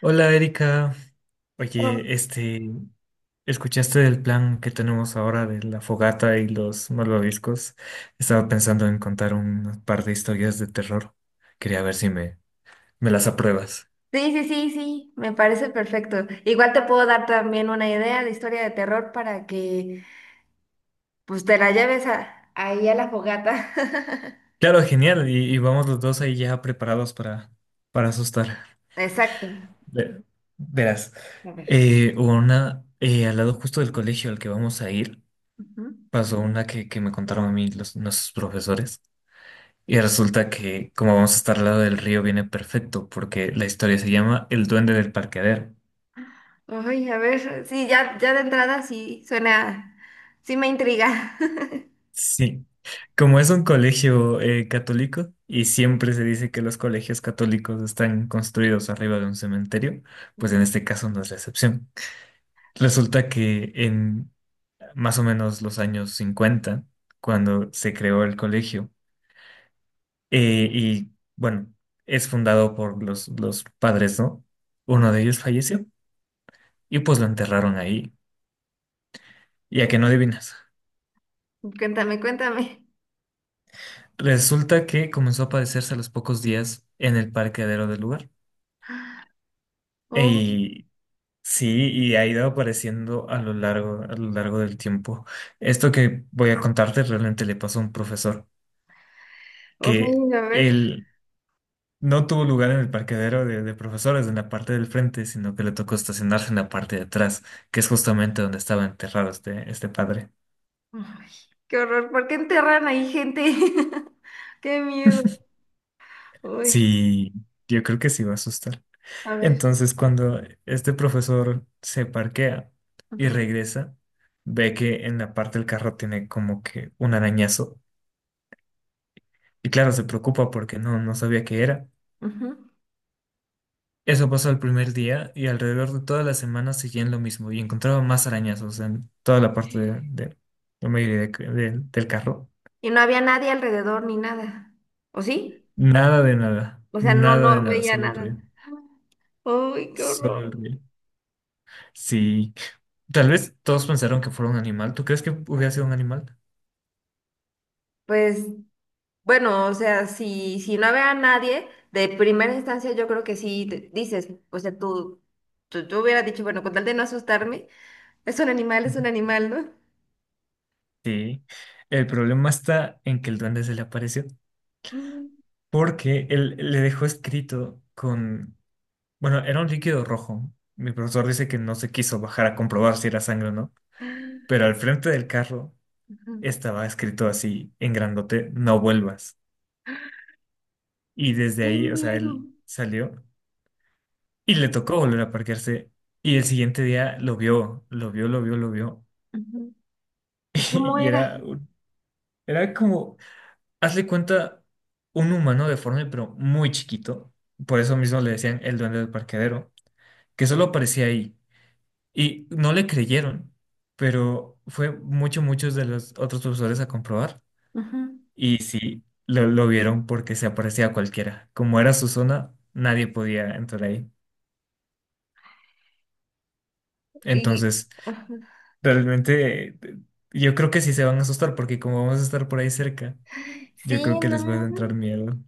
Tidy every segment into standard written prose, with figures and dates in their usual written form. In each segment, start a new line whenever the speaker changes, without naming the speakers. Hola Erika,
Oh.
oye, ¿escuchaste del plan que tenemos ahora de la fogata y los malvaviscos? Estaba pensando en contar un par de historias de terror. Quería ver si me las apruebas.
Sí, sí, sí, sí, me parece perfecto. Igual te puedo dar también una idea de historia de terror para que pues te la lleves a, ahí a la fogata.
Claro, genial, y vamos los dos ahí ya preparados para asustar.
Exacto.
Ve- Verás,
A ver.
al lado justo del colegio al que vamos a ir,
Ujú.
pasó una que me contaron a mí nuestros profesores. Y resulta que, como vamos a estar al lado del río, viene perfecto, porque la historia se llama El Duende del Parqueadero.
Ay, a ver, sí, ya, ya de entrada sí suena, sí me intriga.
Sí. Como es un colegio católico y siempre se dice que los colegios católicos están construidos arriba de un cementerio, pues en este caso no es la excepción. Resulta que en más o menos los años 50 cuando se creó el colegio, y bueno, es fundado por los padres, ¿no? Uno de ellos falleció y pues lo enterraron ahí. Y a que no adivinas.
Cuéntame, cuéntame.
Resulta que comenzó a aparecerse a los pocos días en el parqueadero del lugar.
Oh,
Y sí, y ha ido apareciendo a lo largo del tiempo. Esto que voy a contarte realmente le pasó a un profesor, que
ay, a ver.
él no tuvo lugar en el parqueadero de profesores en la parte del frente, sino que le tocó estacionarse en la parte de atrás, que es justamente donde estaba enterrado este padre.
Ay, qué horror, ¿por qué enterran ahí gente? Qué miedo. Uy,
Sí, yo creo que sí va a asustar.
a ver.
Entonces, cuando este profesor se parquea y
Ujú,
regresa, ve que en la parte del carro tiene como que un arañazo. Y claro, se preocupa porque no sabía qué era.
ujú.
Eso pasó el primer día y alrededor de toda la semana seguían lo mismo y encontraba más arañazos en toda la parte la mayoría del carro.
Y no había nadie alrededor ni nada. ¿O sí?
Nada de nada,
O sea, no,
nada de
no
nada,
veía
solo el
nada.
río.
¡Ay, qué
Solo el
horror!
río. Sí. Tal vez todos pensaron que fuera un animal. ¿Tú crees que hubiera sido un animal?
Pues, bueno, o sea, si no había nadie, de primera instancia yo creo que sí te- dices, o sea, tú hubieras dicho, bueno, con tal de no asustarme, es un animal, ¿no?
Sí, el problema está en que el duende se le apareció
Mm.
porque él le dejó escrito bueno, era un líquido rojo. Mi profesor dice que no se quiso bajar a comprobar si era sangre o no, pero al frente del carro
Ajá.
estaba escrito así en grandote, no vuelvas. Y desde
¡Qué
ahí, o sea,
miedo!
él salió y le tocó volver a parquearse y el siguiente día lo vio, lo vio, lo vio, lo vio
Ujú. ¿Y cómo
y
era?
era, era como hazle cuenta un humano deforme, pero muy chiquito. Por eso mismo le decían el duende del parqueadero, que solo aparecía ahí. Y no le creyeron, pero fue muchos de los otros profesores a comprobar.
Ujú.
Y sí, lo vieron porque se aparecía a cualquiera. Como era su zona, nadie podía entrar ahí.
Y,
Entonces,
ajá.
realmente, yo creo que sí se van a asustar porque como vamos a estar por ahí cerca, yo creo
Sí,
que les va a
no,
entrar miedo.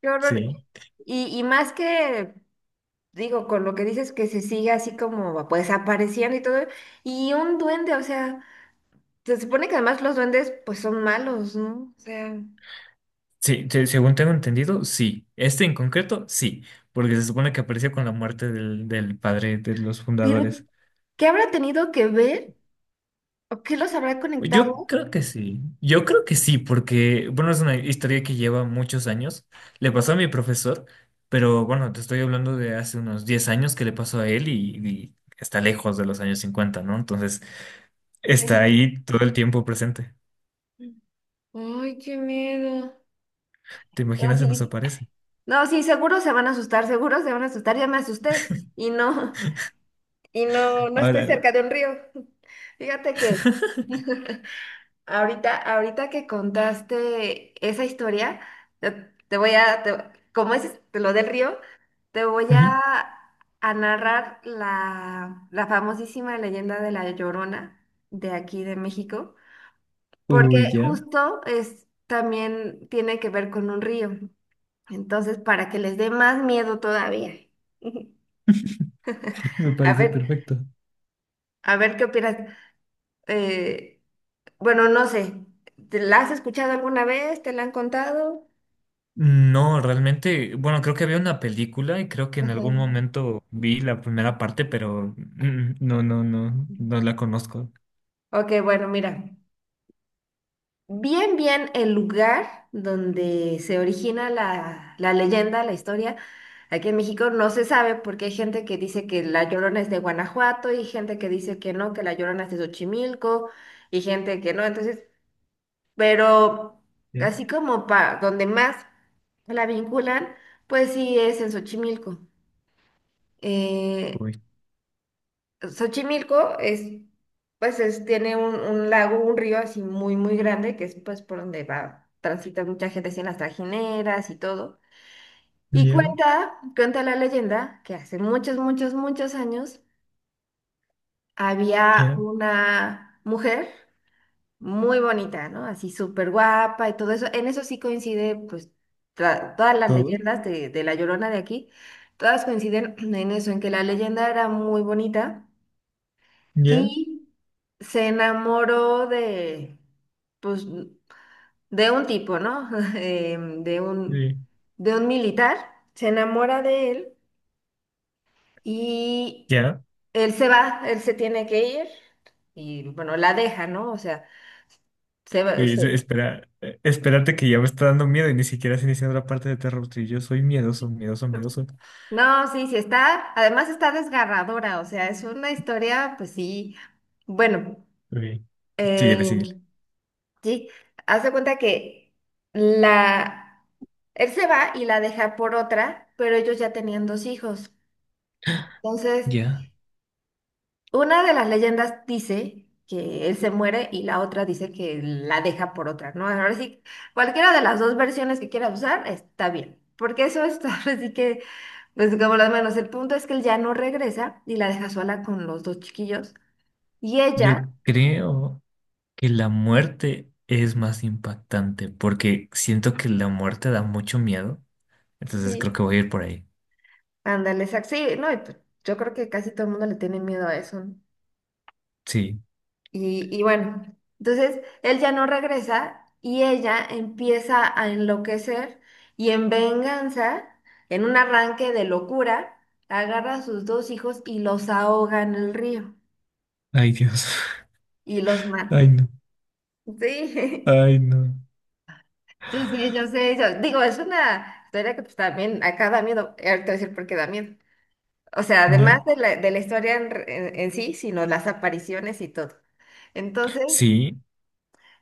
qué horror.
Sí.
Y más que Digo, con lo que dices que se sigue así como pues apareciendo y todo, y un duende, o sea, se supone que además los duendes pues son malos, ¿no? O sea,
Sí, según tengo entendido, sí. Este en concreto, sí, porque se supone que apareció con la muerte del padre de los
pero
fundadores.
¿qué habrá tenido que ver o qué los habrá
Yo
conectado?
creo que sí, yo creo que sí, porque, bueno, es una historia que lleva muchos años. Le pasó a mi profesor, pero bueno, te estoy hablando de hace unos 10 años que le pasó a él y está lejos de los años 50, ¿no? Entonces, está
Sí.
ahí todo el tiempo presente.
Ay, qué miedo.
¿Te
No,
imaginas se nos
sí,
aparece?
no, sí, seguro se van a asustar, seguro se van a asustar, ya me asusté y no, y no, no estoy
Ahora.
cerca de un río. Fíjate que... Ahorita, ahorita que contaste esa historia, te, te voy a, te- como es te lo del río, te voy
Ujú.
a narrar la, la famosísima leyenda de la Llorona de aquí de México, porque
Uy, ya,
justo es, también tiene que ver con un río. Entonces, para que les dé más miedo todavía.
me
A
parece
ver,
perfecto.
a ver qué opinas. Eh, bueno, no sé, ¿te la has escuchado alguna vez? ¿Te la han contado?
No, realmente, bueno, creo que había una película y creo que en algún
Ujú.
momento vi la primera parte, pero no, no, no, no la conozco.
Ok, bueno, mira, bien, bien el lugar donde se origina la, la leyenda, la historia, aquí en México no se sabe porque hay gente que dice que La Llorona es de Guanajuato y gente que dice que no, que La Llorona es de Xochimilco y gente que no, entonces, pero
Ya,
así como para donde más la vinculan, pues sí es en Xochimilco. Eh,
uy,
Xochimilco es, pues es, tiene un lago, un río así muy, muy grande, que es pues por donde va, transita mucha gente así en las trajineras y todo. Y
ya,
cuenta, cuenta la leyenda que hace muchos, muchos, muchos años había
ya,
una mujer muy bonita, ¿no? Así súper guapa y todo eso. En eso sí coincide, pues, tra- todas las
todo,
leyendas de la Llorona de aquí, todas coinciden en eso, en que la leyenda era muy bonita.
ya,
Y se enamoró de, pues, de un tipo, ¿no? Em, De un,
sí,
de un militar. Se enamora de él y
ya.
él se va, él se tiene que ir y, bueno, la deja, ¿no? O sea, se va,
Uy,
se-.
espera, espérate que ya me está dando miedo y ni siquiera has iniciado la parte de terror. Sí, yo soy miedoso, miedoso, miedoso.
No, sí, sí está, además está desgarradora, o sea, es una historia, pues sí, bueno,
Uy, síguele,
eh,
síguele.
sí, haz de cuenta que la... Él se va y la deja por otra, pero ellos ya tenían dos hijos. Entonces,
Ya,
una de las leyendas dice que él se muere y la otra dice que la deja por otra, ¿no? Ahora sí, cualquiera de las dos versiones que quiera usar está bien, porque eso es ahora sí que, pues como las manos, el punto es que él ya no regresa y la deja sola con los dos chiquillos. Y ella,
yo creo que la muerte es más impactante porque siento que la muerte da mucho miedo. Entonces creo
sí,
que voy a ir por ahí.
ándale, exacto, sí, no, y pues, yo creo que casi todo el mundo le tiene miedo a eso, ¿no?
Sí.
Y bueno, entonces él ya no regresa y ella empieza a enloquecer y en venganza, en un arranque de locura, agarra a sus dos hijos y los ahoga en el río
Ay, Dios.
y los
Ay,
mata.
no.
Sí,
Ay, no.
yo sé, yo sé, yo- digo, es una historia que pues también acá da miedo, ahorita voy a decir por qué da miedo. O sea, además
¿Ya?
de la historia en, en sí, sino las apariciones y todo. Entonces,
Sí.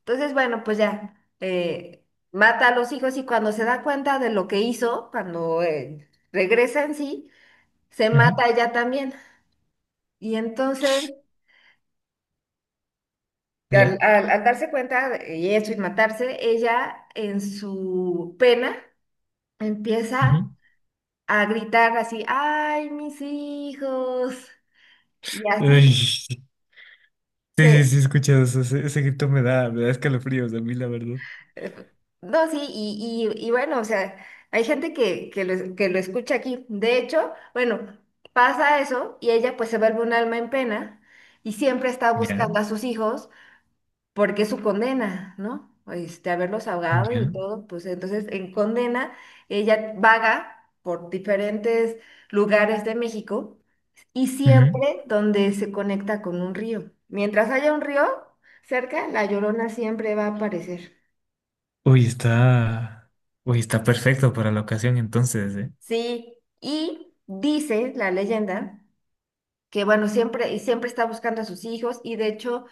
entonces, bueno, pues ya, eh, mata a los hijos y cuando se da cuenta de lo que hizo, cuando regresa en sí, se
Ujú.
mata ella también. Y entonces,
Ya.
al, al- al darse cuenta de- y eso y matarse, ella en su pena empieza
Ujú.
a gritar así, ¡ay, mis hijos! Y
Ay,
así.
sí, sí, sí, he escuchado eso. Ese grito me da escalofríos a mí, la verdad.
Eh, No, sí, y bueno, o sea, hay gente que lo escucha aquí. De hecho, bueno, pasa eso y ella pues se vuelve un alma en pena y siempre está
Ya.
buscando a sus hijos porque es su condena, ¿no? Este, haberlos ahogado y
Ya.
todo, pues entonces en condena ella vaga por diferentes lugares de México y
Ujú.
siempre donde se conecta con un río. Mientras haya un río cerca, la Llorona siempre va a aparecer.
Uy, está. Uy, está perfecto para la ocasión entonces, ¿eh?
Sí, y dice la leyenda que bueno, siempre y siempre está buscando a sus hijos y de hecho,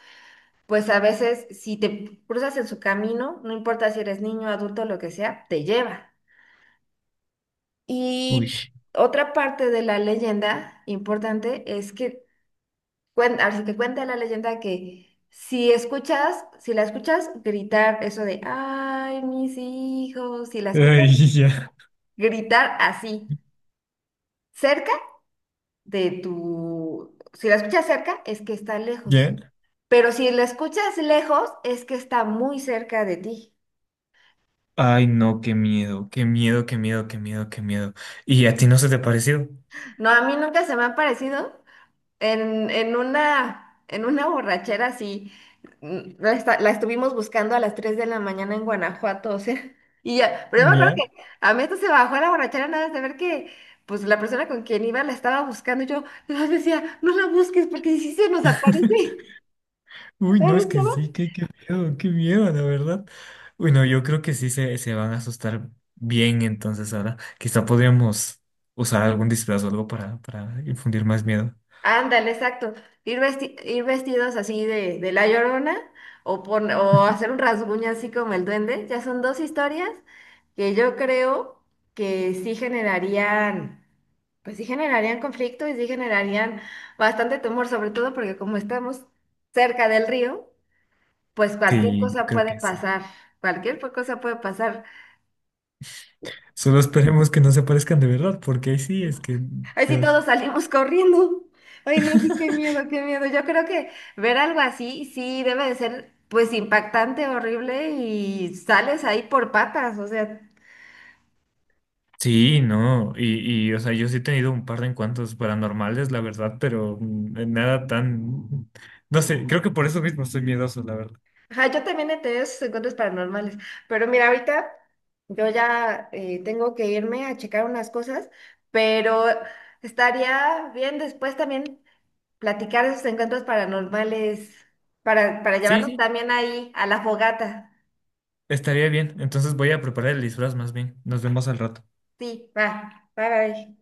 pues a veces si te cruzas en su camino, no importa si eres niño, adulto, lo que sea, te lleva.
Uy.
Y otra parte de la leyenda importante es que cuen- así que cuenta la leyenda que si escuchas, si la escuchas gritar eso de, ay, mis hijos, si la escuchas
Ay, ya.
gritar así, cerca de tu... Si la escuchas cerca, es que está lejos.
¿Ya?
Pero si la escuchas lejos, es que está muy cerca de ti.
Ay, no, qué miedo, qué miedo, qué miedo, qué miedo, qué miedo. ¿Y a ti no se te pareció?
No, a mí nunca se me ha parecido en, en una borrachera así. La, esta- la estuvimos buscando a las 3 de la mañana en Guanajuato, o sea. Y ya, pero yo me acuerdo
¿Ya?
que a mí esto se bajó a la borrachera nada más de ver que pues la persona con quien iba la estaba buscando. Yo nada más decía, no la busques porque si se nos aparece.
Uy, no,
¿Dónde
es que
estaba?
sí, qué miedo, qué miedo, la verdad. Bueno, yo creo que sí se van a asustar bien, entonces ahora quizá podríamos usar algún disfraz o algo para, infundir más miedo.
Ándale, exacto. Ir, vesti- ir vestidos así de La Llorona o, pon- o hacer un rasguño así como el duende. Ya son dos historias que yo creo que sí generarían, pues sí generarían conflicto y sí generarían bastante temor, sobre todo porque como estamos cerca del río, pues cualquier
Sí, yo
cosa
creo
puede
que sí.
pasar. Cualquier cosa puede pasar.
Solo esperemos que no se parezcan de verdad, porque ahí sí es que,
Ay, sí,
Dios.
todos salimos corriendo. Ay, no, sí, qué miedo, qué miedo. Yo creo que ver algo así, sí, debe de ser, pues, impactante, horrible y sales ahí por patas, o sea.
Sí, no, y o sea, yo sí he tenido un par de encuentros paranormales, la verdad, pero nada tan, no sé, creo que por eso mismo soy miedoso, la verdad.
Ajá, yo también he tenido esos encuentros paranormales, pero mira, ahorita yo ya tengo que irme a checar unas cosas, pero estaría bien después también platicar esos encuentros paranormales para
Sí,
llevarlos
sí.
también ahí a la fogata.
Estaría bien. Entonces voy a preparar el disfraz más bien. Nos vemos al rato.
Sí, va, bye, bye.